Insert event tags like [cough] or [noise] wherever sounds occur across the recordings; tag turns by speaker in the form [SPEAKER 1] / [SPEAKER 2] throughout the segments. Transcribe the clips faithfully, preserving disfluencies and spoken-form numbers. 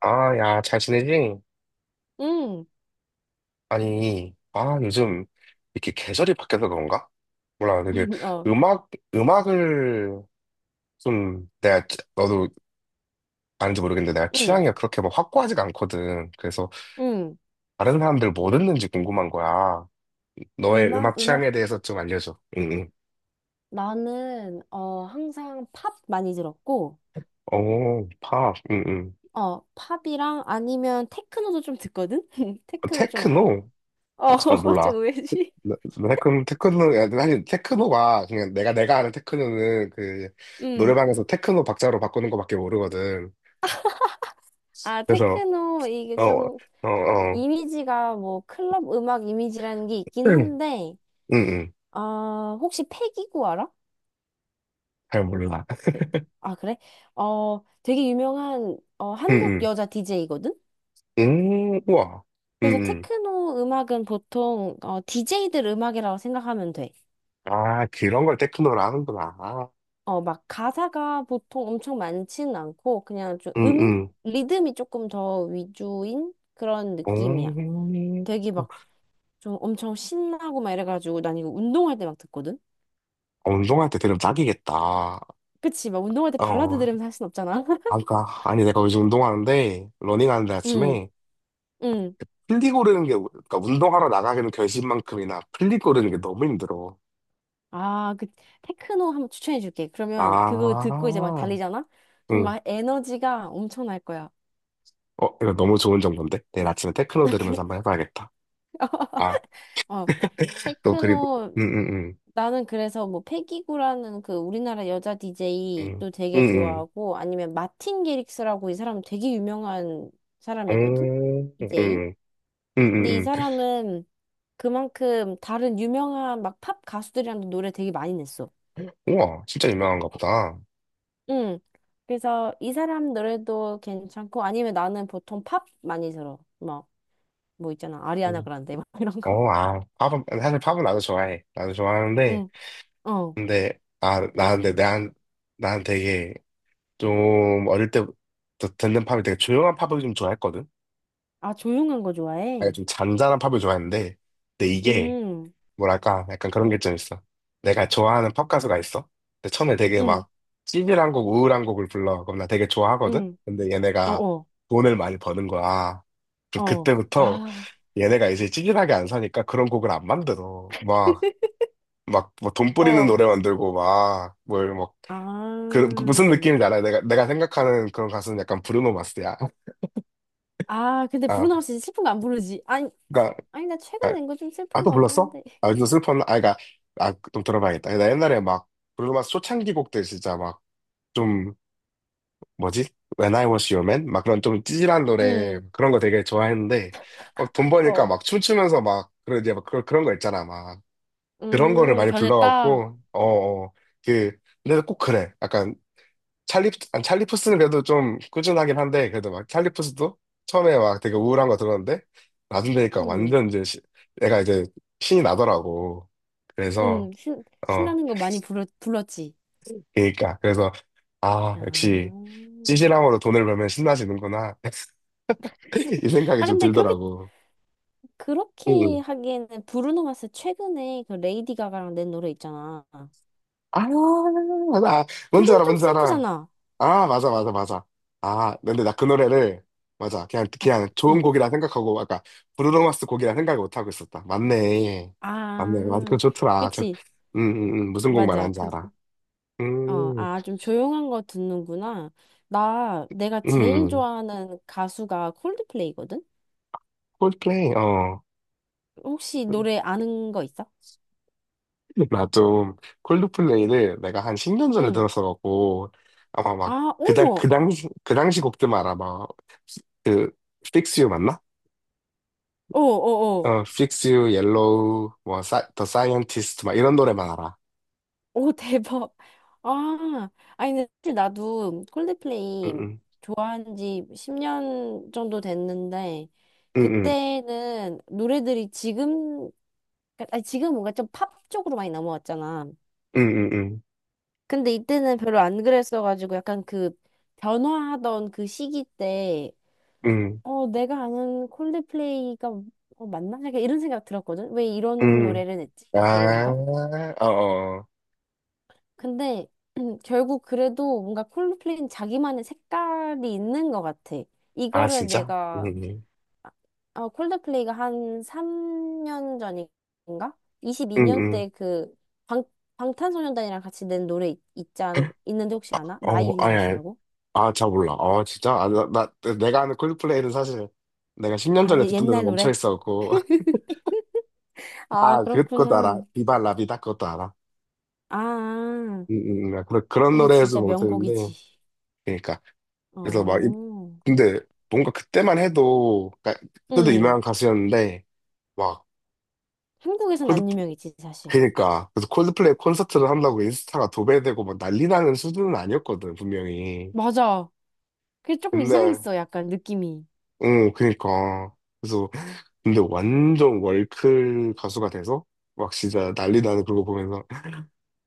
[SPEAKER 1] 아, 야, 잘 지내지?
[SPEAKER 2] 응,
[SPEAKER 1] 아니, 아, 요즘 이렇게 계절이 바뀌어서 그런가? 몰라, 되게
[SPEAKER 2] [laughs] 어,
[SPEAKER 1] 음악, 음악을 좀 내가, 치- 너도 아는지 모르겠는데 내가
[SPEAKER 2] 응,
[SPEAKER 1] 취향이 그렇게 막 확고하지가 않거든. 그래서
[SPEAKER 2] 응.
[SPEAKER 1] 다른 사람들 뭐 듣는지 궁금한 거야. 너의
[SPEAKER 2] 음악,
[SPEAKER 1] 음악 취향에
[SPEAKER 2] 음악.
[SPEAKER 1] 대해서 좀 알려줘. 응, 응.
[SPEAKER 2] 나는, 어, 항상 팝 많이 들었고,
[SPEAKER 1] 오, 팝, 응, 응.
[SPEAKER 2] 어, 팝이랑 아니면 테크노도 좀 듣거든? [laughs]
[SPEAKER 1] 어,
[SPEAKER 2] 테크노 좀 알아?
[SPEAKER 1] 테크노?
[SPEAKER 2] 어,
[SPEAKER 1] 아, 잘
[SPEAKER 2] [laughs]
[SPEAKER 1] 몰라.
[SPEAKER 2] 좀 왜지?
[SPEAKER 1] 나- 나 테크노, 테크노, 야, 사실 테크노가 그냥 내가, 내가 아는 테크노는 그,
[SPEAKER 2] 음
[SPEAKER 1] 노래방에서 테크노 박자로 바꾸는 거밖에 모르거든.
[SPEAKER 2] 아,
[SPEAKER 1] 그래서
[SPEAKER 2] 테크노, 이게
[SPEAKER 1] 어,
[SPEAKER 2] 좀,
[SPEAKER 1] 어, 어,
[SPEAKER 2] 이미지가 뭐, 클럽 음악 이미지라는 게 있긴
[SPEAKER 1] 응,
[SPEAKER 2] 한데,
[SPEAKER 1] 응, 응.
[SPEAKER 2] 아 혹시 패기구 알아?
[SPEAKER 1] 잘 몰라.
[SPEAKER 2] 그- 아, 그래? 어, 되게 유명한, 어, 한국
[SPEAKER 1] 응,
[SPEAKER 2] 여자 디제이거든?
[SPEAKER 1] 응, 음, 우와, 응,
[SPEAKER 2] 그래서
[SPEAKER 1] 응.
[SPEAKER 2] 테크노 음악은 보통 어, 디제이들 음악이라고 생각하면 돼.
[SPEAKER 1] 아, 그런 걸 테크노로 하는구나. 아,
[SPEAKER 2] 어, 막 가사가 보통 엄청 많진 않고 그냥 좀
[SPEAKER 1] 응,
[SPEAKER 2] 음?
[SPEAKER 1] 응.
[SPEAKER 2] 리듬이 조금 더 위주인 그런 느낌이야.
[SPEAKER 1] 음,
[SPEAKER 2] 되게 막 좀 엄청 신나고 막 이래가지고 난 이거 운동할 때 막 듣거든?
[SPEAKER 1] 운동할 때 들으면 딱이겠다.
[SPEAKER 2] 그치, 막 운동할 때 발라드
[SPEAKER 1] 어,
[SPEAKER 2] 들으면 서 할 순 없잖아. [laughs]
[SPEAKER 1] 아까 아니 내가 요즘 운동하는데 러닝하는데
[SPEAKER 2] 응,
[SPEAKER 1] 아침에
[SPEAKER 2] 응.
[SPEAKER 1] 플리 고르는 게 그러니까 운동하러 나가기는 결심만큼이나 플리 고르는 게 너무 힘들어.
[SPEAKER 2] 아, 그 테크노 한번 추천해 줄게. 그러면 그거 듣고 이제 막
[SPEAKER 1] 아,
[SPEAKER 2] 달리잖아? 그럼
[SPEAKER 1] 응.
[SPEAKER 2] 막 에너지가 엄청날 거야.
[SPEAKER 1] 어, 이거 너무 좋은 정보인데? 내일 아침에 테크노
[SPEAKER 2] [laughs] 그-
[SPEAKER 1] 들으면서 한번 해봐야겠다. 아,
[SPEAKER 2] 어. 어.
[SPEAKER 1] 그거 그리고
[SPEAKER 2] 테크노
[SPEAKER 1] 응응응
[SPEAKER 2] 나는 그래서 뭐 패기구라는 그 우리나라 여자
[SPEAKER 1] 응응응
[SPEAKER 2] 디제이도 되게 좋아하고 아니면 마틴 게릭스라고 이 사람 되게 유명한
[SPEAKER 1] 응응응
[SPEAKER 2] 사람이거든?
[SPEAKER 1] 응 응 응,
[SPEAKER 2] 디제이?
[SPEAKER 1] 어, 응, 응,
[SPEAKER 2] 근데 이
[SPEAKER 1] 응,
[SPEAKER 2] 사람은 그만큼 다른 유명한 막 팝 가수들이랑도 노래 되게 많이 냈어.
[SPEAKER 1] 응. 우와 진짜 유명한가 보다.
[SPEAKER 2] 응. 그래서 이 사람 노래도 괜찮고 아니면 나는 보통 팝 많이 들어. 막 뭐 있잖아. 아리아나
[SPEAKER 1] 음.
[SPEAKER 2] 그란데 막 [laughs] 이런 거.
[SPEAKER 1] 어, 아, 팝은 사실 팝은 나도 좋아해. 나도 좋아하는데
[SPEAKER 2] 응. 어.
[SPEAKER 1] 근데 아 나한테 난, 난 되게 좀 어릴 때부터 듣는 팝이 되게 조용한 팝을 좀 좋아했거든.
[SPEAKER 2] 아, 조용한 거
[SPEAKER 1] 아니
[SPEAKER 2] 좋아해?
[SPEAKER 1] 좀 잔잔한 팝을 좋아했는데 근데 이게
[SPEAKER 2] 음.
[SPEAKER 1] 뭐랄까, 약간 그런 게 좀 있어. 내가 좋아하는 팝 가수가 있어. 근데 처음에 되게
[SPEAKER 2] 응.
[SPEAKER 1] 막 찌질한 곡, 우울한 곡을 불러. 그럼 나 되게 좋아하거든?
[SPEAKER 2] 응.
[SPEAKER 1] 근데 얘네가
[SPEAKER 2] 어어.
[SPEAKER 1] 돈을 많이 버는 거야. 그럼
[SPEAKER 2] 어.
[SPEAKER 1] 그때부터
[SPEAKER 2] 아,
[SPEAKER 1] 얘네가 이제 찌질하게 안 사니까 그런 곡을 안 만들어. 막, 막, 뭐 돈 뿌리는
[SPEAKER 2] 어,
[SPEAKER 1] 노래 만들고 막, 뭘, 막,
[SPEAKER 2] 아.
[SPEAKER 1] 그, 그 무슨 느낌인지 알아? 내가, 내가 생각하는 그런 가수는 약간 브루노 마스야. [laughs]
[SPEAKER 2] 아, 근데
[SPEAKER 1] 아,
[SPEAKER 2] 브루노가 진 슬픈 거 안 부르지. 아니,
[SPEAKER 1] 그니까,
[SPEAKER 2] 아니, 나 최근에 낸 거 좀
[SPEAKER 1] 아,
[SPEAKER 2] 슬픈
[SPEAKER 1] 또
[SPEAKER 2] 거 같긴
[SPEAKER 1] 불렀어?
[SPEAKER 2] 한데. [laughs]
[SPEAKER 1] 아, 요즘 슬퍼. 아, 그니까, 아, 좀 들어봐야겠다. 나 옛날에 막, 브루노 마스 초창기 곡들 진짜 막, 좀 뭐지? When I Was Your Man? 막 그런 좀 찌질한 노래
[SPEAKER 2] 응,
[SPEAKER 1] 그런 거 되게 좋아했는데 막 돈 버니까
[SPEAKER 2] 어,
[SPEAKER 1] 막 춤추면서 막 그런 이제 막 그런 그런 거 있잖아 막 그런 거를
[SPEAKER 2] 음,
[SPEAKER 1] 많이
[SPEAKER 2] 변했다.
[SPEAKER 1] 불러갖고 어그 근데 꼭 그래 약간 찰리 아니, 찰리 푸스는 그래도 좀 꾸준하긴 한데 그래도 막 찰리 푸스도 처음에 막 되게 우울한 거 들었는데 나중 되니까
[SPEAKER 2] 음,
[SPEAKER 1] 완전 이제 시, 내가 이제 신이 나더라고 그래서
[SPEAKER 2] 음, 신,
[SPEAKER 1] 어
[SPEAKER 2] 신나는 거 많이 불러, 불렀지.
[SPEAKER 1] 그러니까 그래서 아 역시
[SPEAKER 2] 아.
[SPEAKER 1] 찌질함으로 돈을 벌면 신나지는구나 [laughs]
[SPEAKER 2] [laughs]
[SPEAKER 1] 이 생각이
[SPEAKER 2] 아,
[SPEAKER 1] 좀
[SPEAKER 2] 근데 그렇게,
[SPEAKER 1] 들더라고. 응.
[SPEAKER 2] 그렇게 하기에는 브루노 마스 최근에 그 레이디 가가랑 낸 노래 있잖아.
[SPEAKER 1] 아, 나, 뭔지
[SPEAKER 2] 그건
[SPEAKER 1] 알아,
[SPEAKER 2] 좀
[SPEAKER 1] 뭔지 알아.
[SPEAKER 2] 슬프잖아.
[SPEAKER 1] 아, 맞아, 맞아, 맞아. 아, 근데 나 그 노래를, 맞아. 그냥,
[SPEAKER 2] 아,
[SPEAKER 1] 그냥 좋은
[SPEAKER 2] 응.
[SPEAKER 1] 곡이라 생각하고, 아까, 브루노 마스 곡이라 생각을 못하고 있었다. 맞네. 맞네. 맞아. 그거
[SPEAKER 2] 아,
[SPEAKER 1] 좋더라. 저,
[SPEAKER 2] 그치.
[SPEAKER 1] 음, 음, 음, 무슨 곡
[SPEAKER 2] 맞아.
[SPEAKER 1] 말하는지
[SPEAKER 2] 그
[SPEAKER 1] 알아.
[SPEAKER 2] 어,
[SPEAKER 1] 음,
[SPEAKER 2] 아, 좀 조용한 거 듣는구나. 나, 내가 제일
[SPEAKER 1] 음,
[SPEAKER 2] 좋아하는 가수가 콜드플레이거든?
[SPEAKER 1] 콜드플레이, 어.
[SPEAKER 2] 혹시 노래 아는 거 있어?
[SPEAKER 1] 나 좀 콜드플레이를 내가 한 십 년 전에
[SPEAKER 2] 응.
[SPEAKER 1] 들었어갖고 아마 막
[SPEAKER 2] 아,
[SPEAKER 1] 그당 그
[SPEAKER 2] 어머!
[SPEAKER 1] 당시 그 당시 곡들만 알아 막그 Fix You 맞나?
[SPEAKER 2] 어, 어, 어.
[SPEAKER 1] 어 Fix You, Yellow, 뭐 사, The Scientist 막 이런 노래만 알아.
[SPEAKER 2] 오, [laughs] 대박. 아, 아니, 근데 사실 나도 콜드플레이
[SPEAKER 1] 응응
[SPEAKER 2] 좋아한 지 십 년 정도 됐는데,
[SPEAKER 1] 응응
[SPEAKER 2] 그때는 노래들이 지금, 아니, 지금 뭔가 좀 팝 쪽으로 많이 넘어왔잖아.
[SPEAKER 1] 응응
[SPEAKER 2] 근데 이때는 별로 안 그랬어가지고 약간 그 변화하던 그 시기 때, 어, 내가 아는 콜드플레이가 어, 맞나? 약간 이런 생각 들었거든? 왜 이런
[SPEAKER 1] 응응
[SPEAKER 2] 노래를 냈지? 진짜 이런 거?
[SPEAKER 1] 아어어 아 어, 어.
[SPEAKER 2] 근데 [clears throat] 결국 그래도 뭔가 콜드플레이는 자기만의 색깔이 있는 것 같아.
[SPEAKER 1] 아
[SPEAKER 2] 이거를
[SPEAKER 1] 진짜?
[SPEAKER 2] 내가,
[SPEAKER 1] 응응
[SPEAKER 2] 어, 콜드플레이가 한 삼 년 전인가? 이십이 년
[SPEAKER 1] 응응
[SPEAKER 2] 때그 방탄소년단이랑 같이 낸 노래 있, 있지 않, 있는데 혹시 아나? 마이
[SPEAKER 1] 어 아니 아니
[SPEAKER 2] 유니버스라고?
[SPEAKER 1] 아잘 몰라. 어 진짜? 아, 나, 나 내가 아는 콜드플레이는 사실 내가 십 년
[SPEAKER 2] 아,
[SPEAKER 1] 전에
[SPEAKER 2] 예-
[SPEAKER 1] 듣던 데서
[SPEAKER 2] 옛날
[SPEAKER 1] 멈춰
[SPEAKER 2] 노래?
[SPEAKER 1] 있어갖고
[SPEAKER 2] 아,
[SPEAKER 1] 아, 그 것도
[SPEAKER 2] 그렇구나.
[SPEAKER 1] 알아. 비바 라비다 그것도 알아.
[SPEAKER 2] 아, 아.
[SPEAKER 1] 음, 음, 음. 아, 그런, 그런
[SPEAKER 2] 이게
[SPEAKER 1] 노래에서
[SPEAKER 2] 진짜
[SPEAKER 1] 못했는데.
[SPEAKER 2] 명곡이지.
[SPEAKER 1] 그러니까. 그래서 막, 이-
[SPEAKER 2] 어.
[SPEAKER 1] 근데 뭔가 그때만 해도, 그러니까 그때도
[SPEAKER 2] 응.
[SPEAKER 1] 유명한 가수였는데, 막,
[SPEAKER 2] 한국에선
[SPEAKER 1] 콜드,
[SPEAKER 2] 안 유명했지, 사실.
[SPEAKER 1] 그러니까. 그래서 콜드플레이 콘서트를 한다고 인스타가 도배되고 막 난리 나는 수준은 아니었거든, 분명히.
[SPEAKER 2] 맞아. 그게 조금
[SPEAKER 1] 근데,
[SPEAKER 2] 이상했어, 약간 느낌이.
[SPEAKER 1] 응, 그러니까. 그래서, 근데 완전 월클 가수가 돼서, 막 진짜 난리 나는 그거 보면서,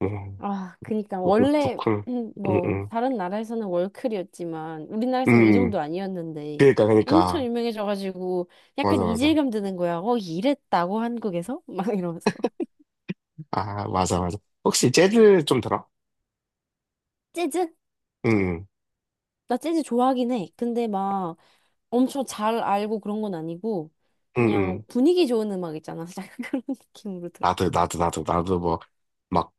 [SPEAKER 1] 음,
[SPEAKER 2] 아, 그니까.
[SPEAKER 1] 뭐, 그,
[SPEAKER 2] 원래,
[SPEAKER 1] 그렇구나.
[SPEAKER 2] 음,
[SPEAKER 1] 응,
[SPEAKER 2] 뭐,
[SPEAKER 1] 응.
[SPEAKER 2] 다른 나라에서는 월클이었지만, 우리나라에서는 이
[SPEAKER 1] 음,
[SPEAKER 2] 정도 아니었는데,
[SPEAKER 1] 그러니까,
[SPEAKER 2] 엄청
[SPEAKER 1] 그러니까.
[SPEAKER 2] 유명해져가지고, 약간
[SPEAKER 1] 맞아, 맞아.
[SPEAKER 2] 이질감 드는 거야. 어, 이랬다고, 한국에서? [laughs] 막 이러면서.
[SPEAKER 1] 아, 맞아, 맞아. 혹시 재즈 좀 들어?
[SPEAKER 2] 재즈?
[SPEAKER 1] 응,
[SPEAKER 2] 나 재즈 좋아하긴 해. 근데 막 엄청 잘 알고 그런 건 아니고
[SPEAKER 1] 응, 응.
[SPEAKER 2] 그냥
[SPEAKER 1] 응.
[SPEAKER 2] 분위기 좋은 음악 있잖아. [laughs] 약간 그런 느낌으로 들어.
[SPEAKER 1] 나도, 나도, 나도, 나도 뭐, 막,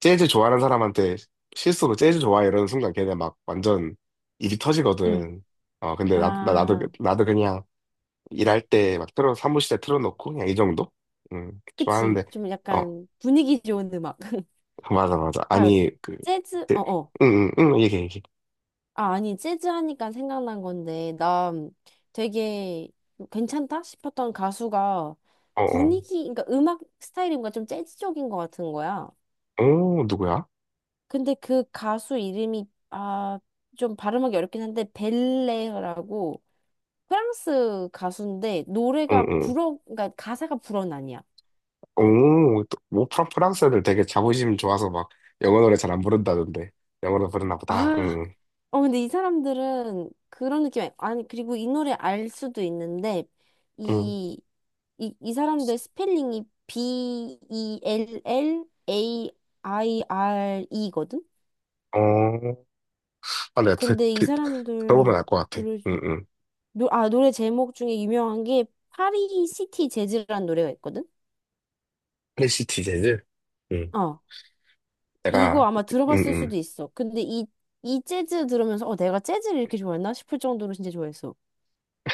[SPEAKER 1] 재즈 좋아하는 사람한테 실수로 재즈 좋아해 이러는 순간 걔네 막 완전 입이
[SPEAKER 2] 응.
[SPEAKER 1] 터지거든. 어, 근데 나, 나, 나도,
[SPEAKER 2] 아,
[SPEAKER 1] 나도 그냥 일할 때 막 틀어, 사무실에 틀어놓고 그냥 이 정도? 응,
[SPEAKER 2] 그치.
[SPEAKER 1] 좋아하는데,
[SPEAKER 2] 좀
[SPEAKER 1] 어,
[SPEAKER 2] 약간 분위기 좋은 음악. [laughs]
[SPEAKER 1] 맞아, 맞아.
[SPEAKER 2] 아,
[SPEAKER 1] 아니, 그,
[SPEAKER 2] 재즈,
[SPEAKER 1] 그
[SPEAKER 2] 어어.
[SPEAKER 1] 응, 응, 응, 얘기해, 얘기해.
[SPEAKER 2] 아, 아니, 재즈 하니까 생각난 건데, 나 되게 괜찮다 싶었던 가수가
[SPEAKER 1] 어, 어.
[SPEAKER 2] 분위기, 그러니까 음악 스타일이 뭔가 좀 재즈적인 것 같은 거야.
[SPEAKER 1] 오, 누구야?
[SPEAKER 2] 근데 그 가수 이름이 아, 좀 발음하기 어렵긴 한데 벨레라고 프랑스 가수인데
[SPEAKER 1] 응,
[SPEAKER 2] 노래가
[SPEAKER 1] 응.
[SPEAKER 2] 불어 그러니까 가사가 불어는 아니야.
[SPEAKER 1] 오, 또, 뭐 프랑- 프랑스 애들 되게 자부심 좋아서 막 영어 노래 잘 안 부른다던데. 영어로 부르나 보다.
[SPEAKER 2] 아,
[SPEAKER 1] 응,
[SPEAKER 2] 어 근데 이 사람들은 그런 느낌 아니 그리고 이 노래 알 수도 있는데
[SPEAKER 1] 응.
[SPEAKER 2] 이 이, 이 사람들 스펠링이 B E L L A I R E거든.
[SPEAKER 1] 어, 아, 내가 드,
[SPEAKER 2] 근데 이
[SPEAKER 1] 드, 들어보면 알
[SPEAKER 2] 사람들
[SPEAKER 1] 것 같아.
[SPEAKER 2] 노래
[SPEAKER 1] 응, 응.
[SPEAKER 2] 노, 아, 노래 제목 중에 유명한 게 파리 시티 재즈라는 노래가 있거든?
[SPEAKER 1] 프레시티 재즈? 응.
[SPEAKER 2] 어. 이거
[SPEAKER 1] 내가,
[SPEAKER 2] 아마
[SPEAKER 1] 응,
[SPEAKER 2] 들어봤을
[SPEAKER 1] 응.
[SPEAKER 2] 수도 있어. 근데 이, 이 재즈 들으면서 어, 내가 재즈를 이렇게 좋아했나 싶을 정도로 진짜 좋아했어.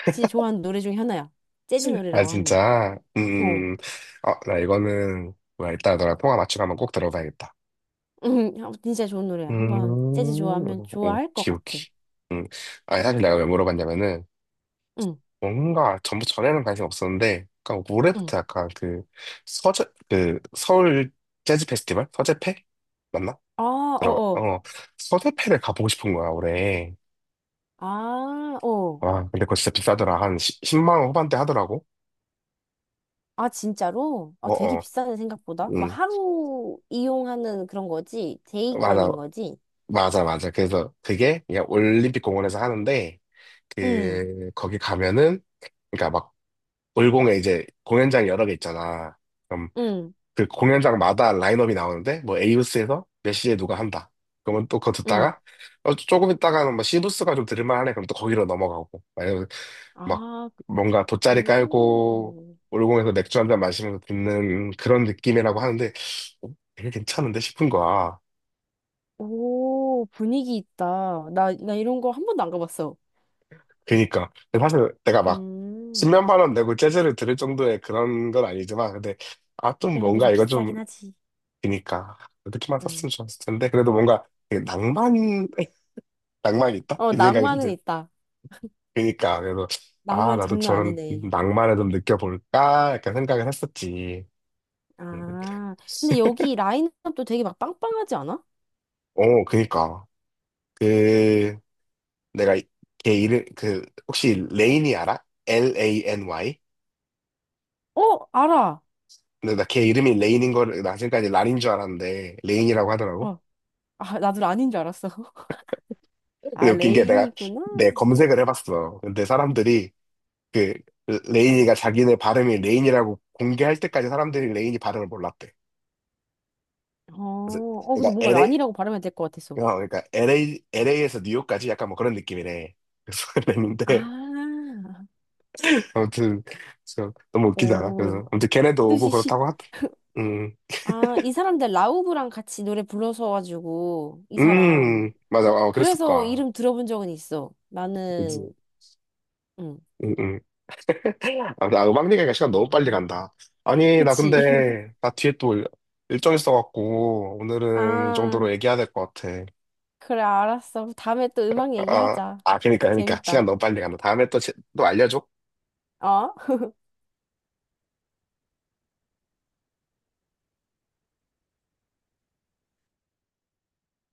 [SPEAKER 2] 진짜 좋아하는 노래 중에 하나야. 재즈
[SPEAKER 1] 아,
[SPEAKER 2] 노래라고 하면.
[SPEAKER 1] 진짜?
[SPEAKER 2] 어.
[SPEAKER 1] 음, 어, 나 이거는, 뭐야, 이따 너랑 통화 맞추고 한번 꼭 들어봐야겠다.
[SPEAKER 2] 음, [laughs] 아, 진짜 좋은 노래야.
[SPEAKER 1] 음,
[SPEAKER 2] 한번 재즈 좋아하면 좋아할 것
[SPEAKER 1] 오키,
[SPEAKER 2] 같아.
[SPEAKER 1] 오키. 음, 아, 사실 내가 왜 물어봤냐면은,
[SPEAKER 2] 응,
[SPEAKER 1] 뭔가 전부 전에는 관심 없었는데, 그러니까
[SPEAKER 2] 응.
[SPEAKER 1] 올해부터 약간 그 서재 그 서울 재즈 페스티벌 서재페 맞나?
[SPEAKER 2] 아,
[SPEAKER 1] 들어
[SPEAKER 2] 어어.
[SPEAKER 1] 어 서재페를 가보고 싶은 거야 올해.
[SPEAKER 2] 아, 어.
[SPEAKER 1] 와 근데 그거 진짜 비싸더라 한 십, 만원 후반대 하더라고.
[SPEAKER 2] 아, 진짜로? 아, 되게
[SPEAKER 1] 어어
[SPEAKER 2] 비싸네, 생각보다. 막
[SPEAKER 1] 음
[SPEAKER 2] 하루 이용하는 그런 거지?
[SPEAKER 1] 맞아
[SPEAKER 2] 데이권인 거지?
[SPEAKER 1] 맞아 맞아. 그래서 그게 그냥 올림픽 공원에서 하는데
[SPEAKER 2] 응.
[SPEAKER 1] 그 거기 가면은 그러니까 막 올공에 이제 공연장 여러 개 있잖아.
[SPEAKER 2] 응.
[SPEAKER 1] 그 공연장마다 라인업이 나오는데 뭐 에이브스에서 몇 시에 누가 한다. 그러면 또 그거
[SPEAKER 2] 응.
[SPEAKER 1] 듣다가 어, 조금 있다가는 뭐 시브스가 좀 들을만하네. 그럼 또 거기로 넘어가고 아니면 막
[SPEAKER 2] 아,
[SPEAKER 1] 뭔가 돗자리 깔고
[SPEAKER 2] 오.
[SPEAKER 1] 올공에서 맥주 한 잔 마시면서 듣는 그런 느낌이라고 하는데 어, 되게 괜찮은데 싶은 거야.
[SPEAKER 2] 오, 분위기 있다. 나, 나 이런 거 한 번도 안 가봤어.
[SPEAKER 1] 그러니까 사실 내가 막
[SPEAKER 2] 음.
[SPEAKER 1] 십면만원 내고 재즈를 들을 정도의 그런 건 아니지만 근데 아 좀
[SPEAKER 2] 그래
[SPEAKER 1] 뭔가
[SPEAKER 2] 좀
[SPEAKER 1] 이거 좀
[SPEAKER 2] 비싸긴 하지.
[SPEAKER 1] 그니까 이렇게만 썼으면
[SPEAKER 2] 응.
[SPEAKER 1] 좋았을 텐데 그래도 뭔가 되게 낭만 낭만이 있다?
[SPEAKER 2] 어,
[SPEAKER 1] 이 생각이 좀
[SPEAKER 2] 낭만은
[SPEAKER 1] 들.
[SPEAKER 2] 있다.
[SPEAKER 1] 그니까, 그래서, 아,
[SPEAKER 2] 낭만
[SPEAKER 1] 나도
[SPEAKER 2] 장난
[SPEAKER 1] 저런
[SPEAKER 2] 아니네.
[SPEAKER 1] 낭만을 좀 느껴볼까? 약간 생각을 했었지. 음.
[SPEAKER 2] 아, 근데
[SPEAKER 1] [laughs]
[SPEAKER 2] 여기 라인업도 되게 막 빵빵하지 않아?
[SPEAKER 1] 어, 그니까. 그, 내가 이- 걔 이름, 그, 혹시 레인이 알아? 엘 에이 엔 와이?
[SPEAKER 2] 어, 알아.
[SPEAKER 1] 근데 나 걔 이름이 레인인 거를, 나 지금까지 란인 줄 알았는데, 레인이라고 하더라고.
[SPEAKER 2] 어, 아, 나도 란인 줄 알았어. [laughs]
[SPEAKER 1] 근데
[SPEAKER 2] 아,
[SPEAKER 1] 웃긴 게 내가,
[SPEAKER 2] 레인이구나.
[SPEAKER 1] 내 검색을 해봤어. 근데 사람들이, 그, 레인이가 자기네 발음이 레인이라고 공개할 때까지 사람들이 레인이 발음을 몰랐대.
[SPEAKER 2] 어,
[SPEAKER 1] 그래서,
[SPEAKER 2] 어, 근데 뭔가
[SPEAKER 1] 그러니까
[SPEAKER 2] 란이라고 발음해야 될 것 같았어.
[SPEAKER 1] 어, 그러니까 엘에이, 엘에이에서 뉴욕까지 약간 뭐 그런 느낌이네. 그래서 [laughs] 그랬는데,
[SPEAKER 2] 아,
[SPEAKER 1] 아무튼, 그래서 너무 웃기지 않아?
[SPEAKER 2] 오,
[SPEAKER 1] 그래서, 아무튼 걔네도 오고
[SPEAKER 2] 뜻이 시,
[SPEAKER 1] 그렇다고 하더. 음,
[SPEAKER 2] 아, 이 사람들 라우브랑 같이 노래 불러서 가지고 이 사람.
[SPEAKER 1] 음, 맞아, 어, 그랬을
[SPEAKER 2] 그래서
[SPEAKER 1] 거야.
[SPEAKER 2] 이름 들어본 적은 있어. 나는
[SPEAKER 1] 그지.
[SPEAKER 2] 응.
[SPEAKER 1] 음, 음. 아, 나 음악 얘기가 시간 너무 빨리
[SPEAKER 2] 아,
[SPEAKER 1] 간다. 아니, 나
[SPEAKER 2] 그치. [laughs]
[SPEAKER 1] 근데, 나 뒤에 또 일- 일정 있어갖고, 오늘은 이
[SPEAKER 2] 아,
[SPEAKER 1] 정도로 얘기해야 될 것 같아.
[SPEAKER 2] 그래 알았어. 다음에 또 음악
[SPEAKER 1] 아,
[SPEAKER 2] 얘기하자.
[SPEAKER 1] 아, 그니까, 그니까. 시간
[SPEAKER 2] 재밌다.
[SPEAKER 1] 너무 빨리 간다. 다음에 또, 제- 또 알려줘.
[SPEAKER 2] 어?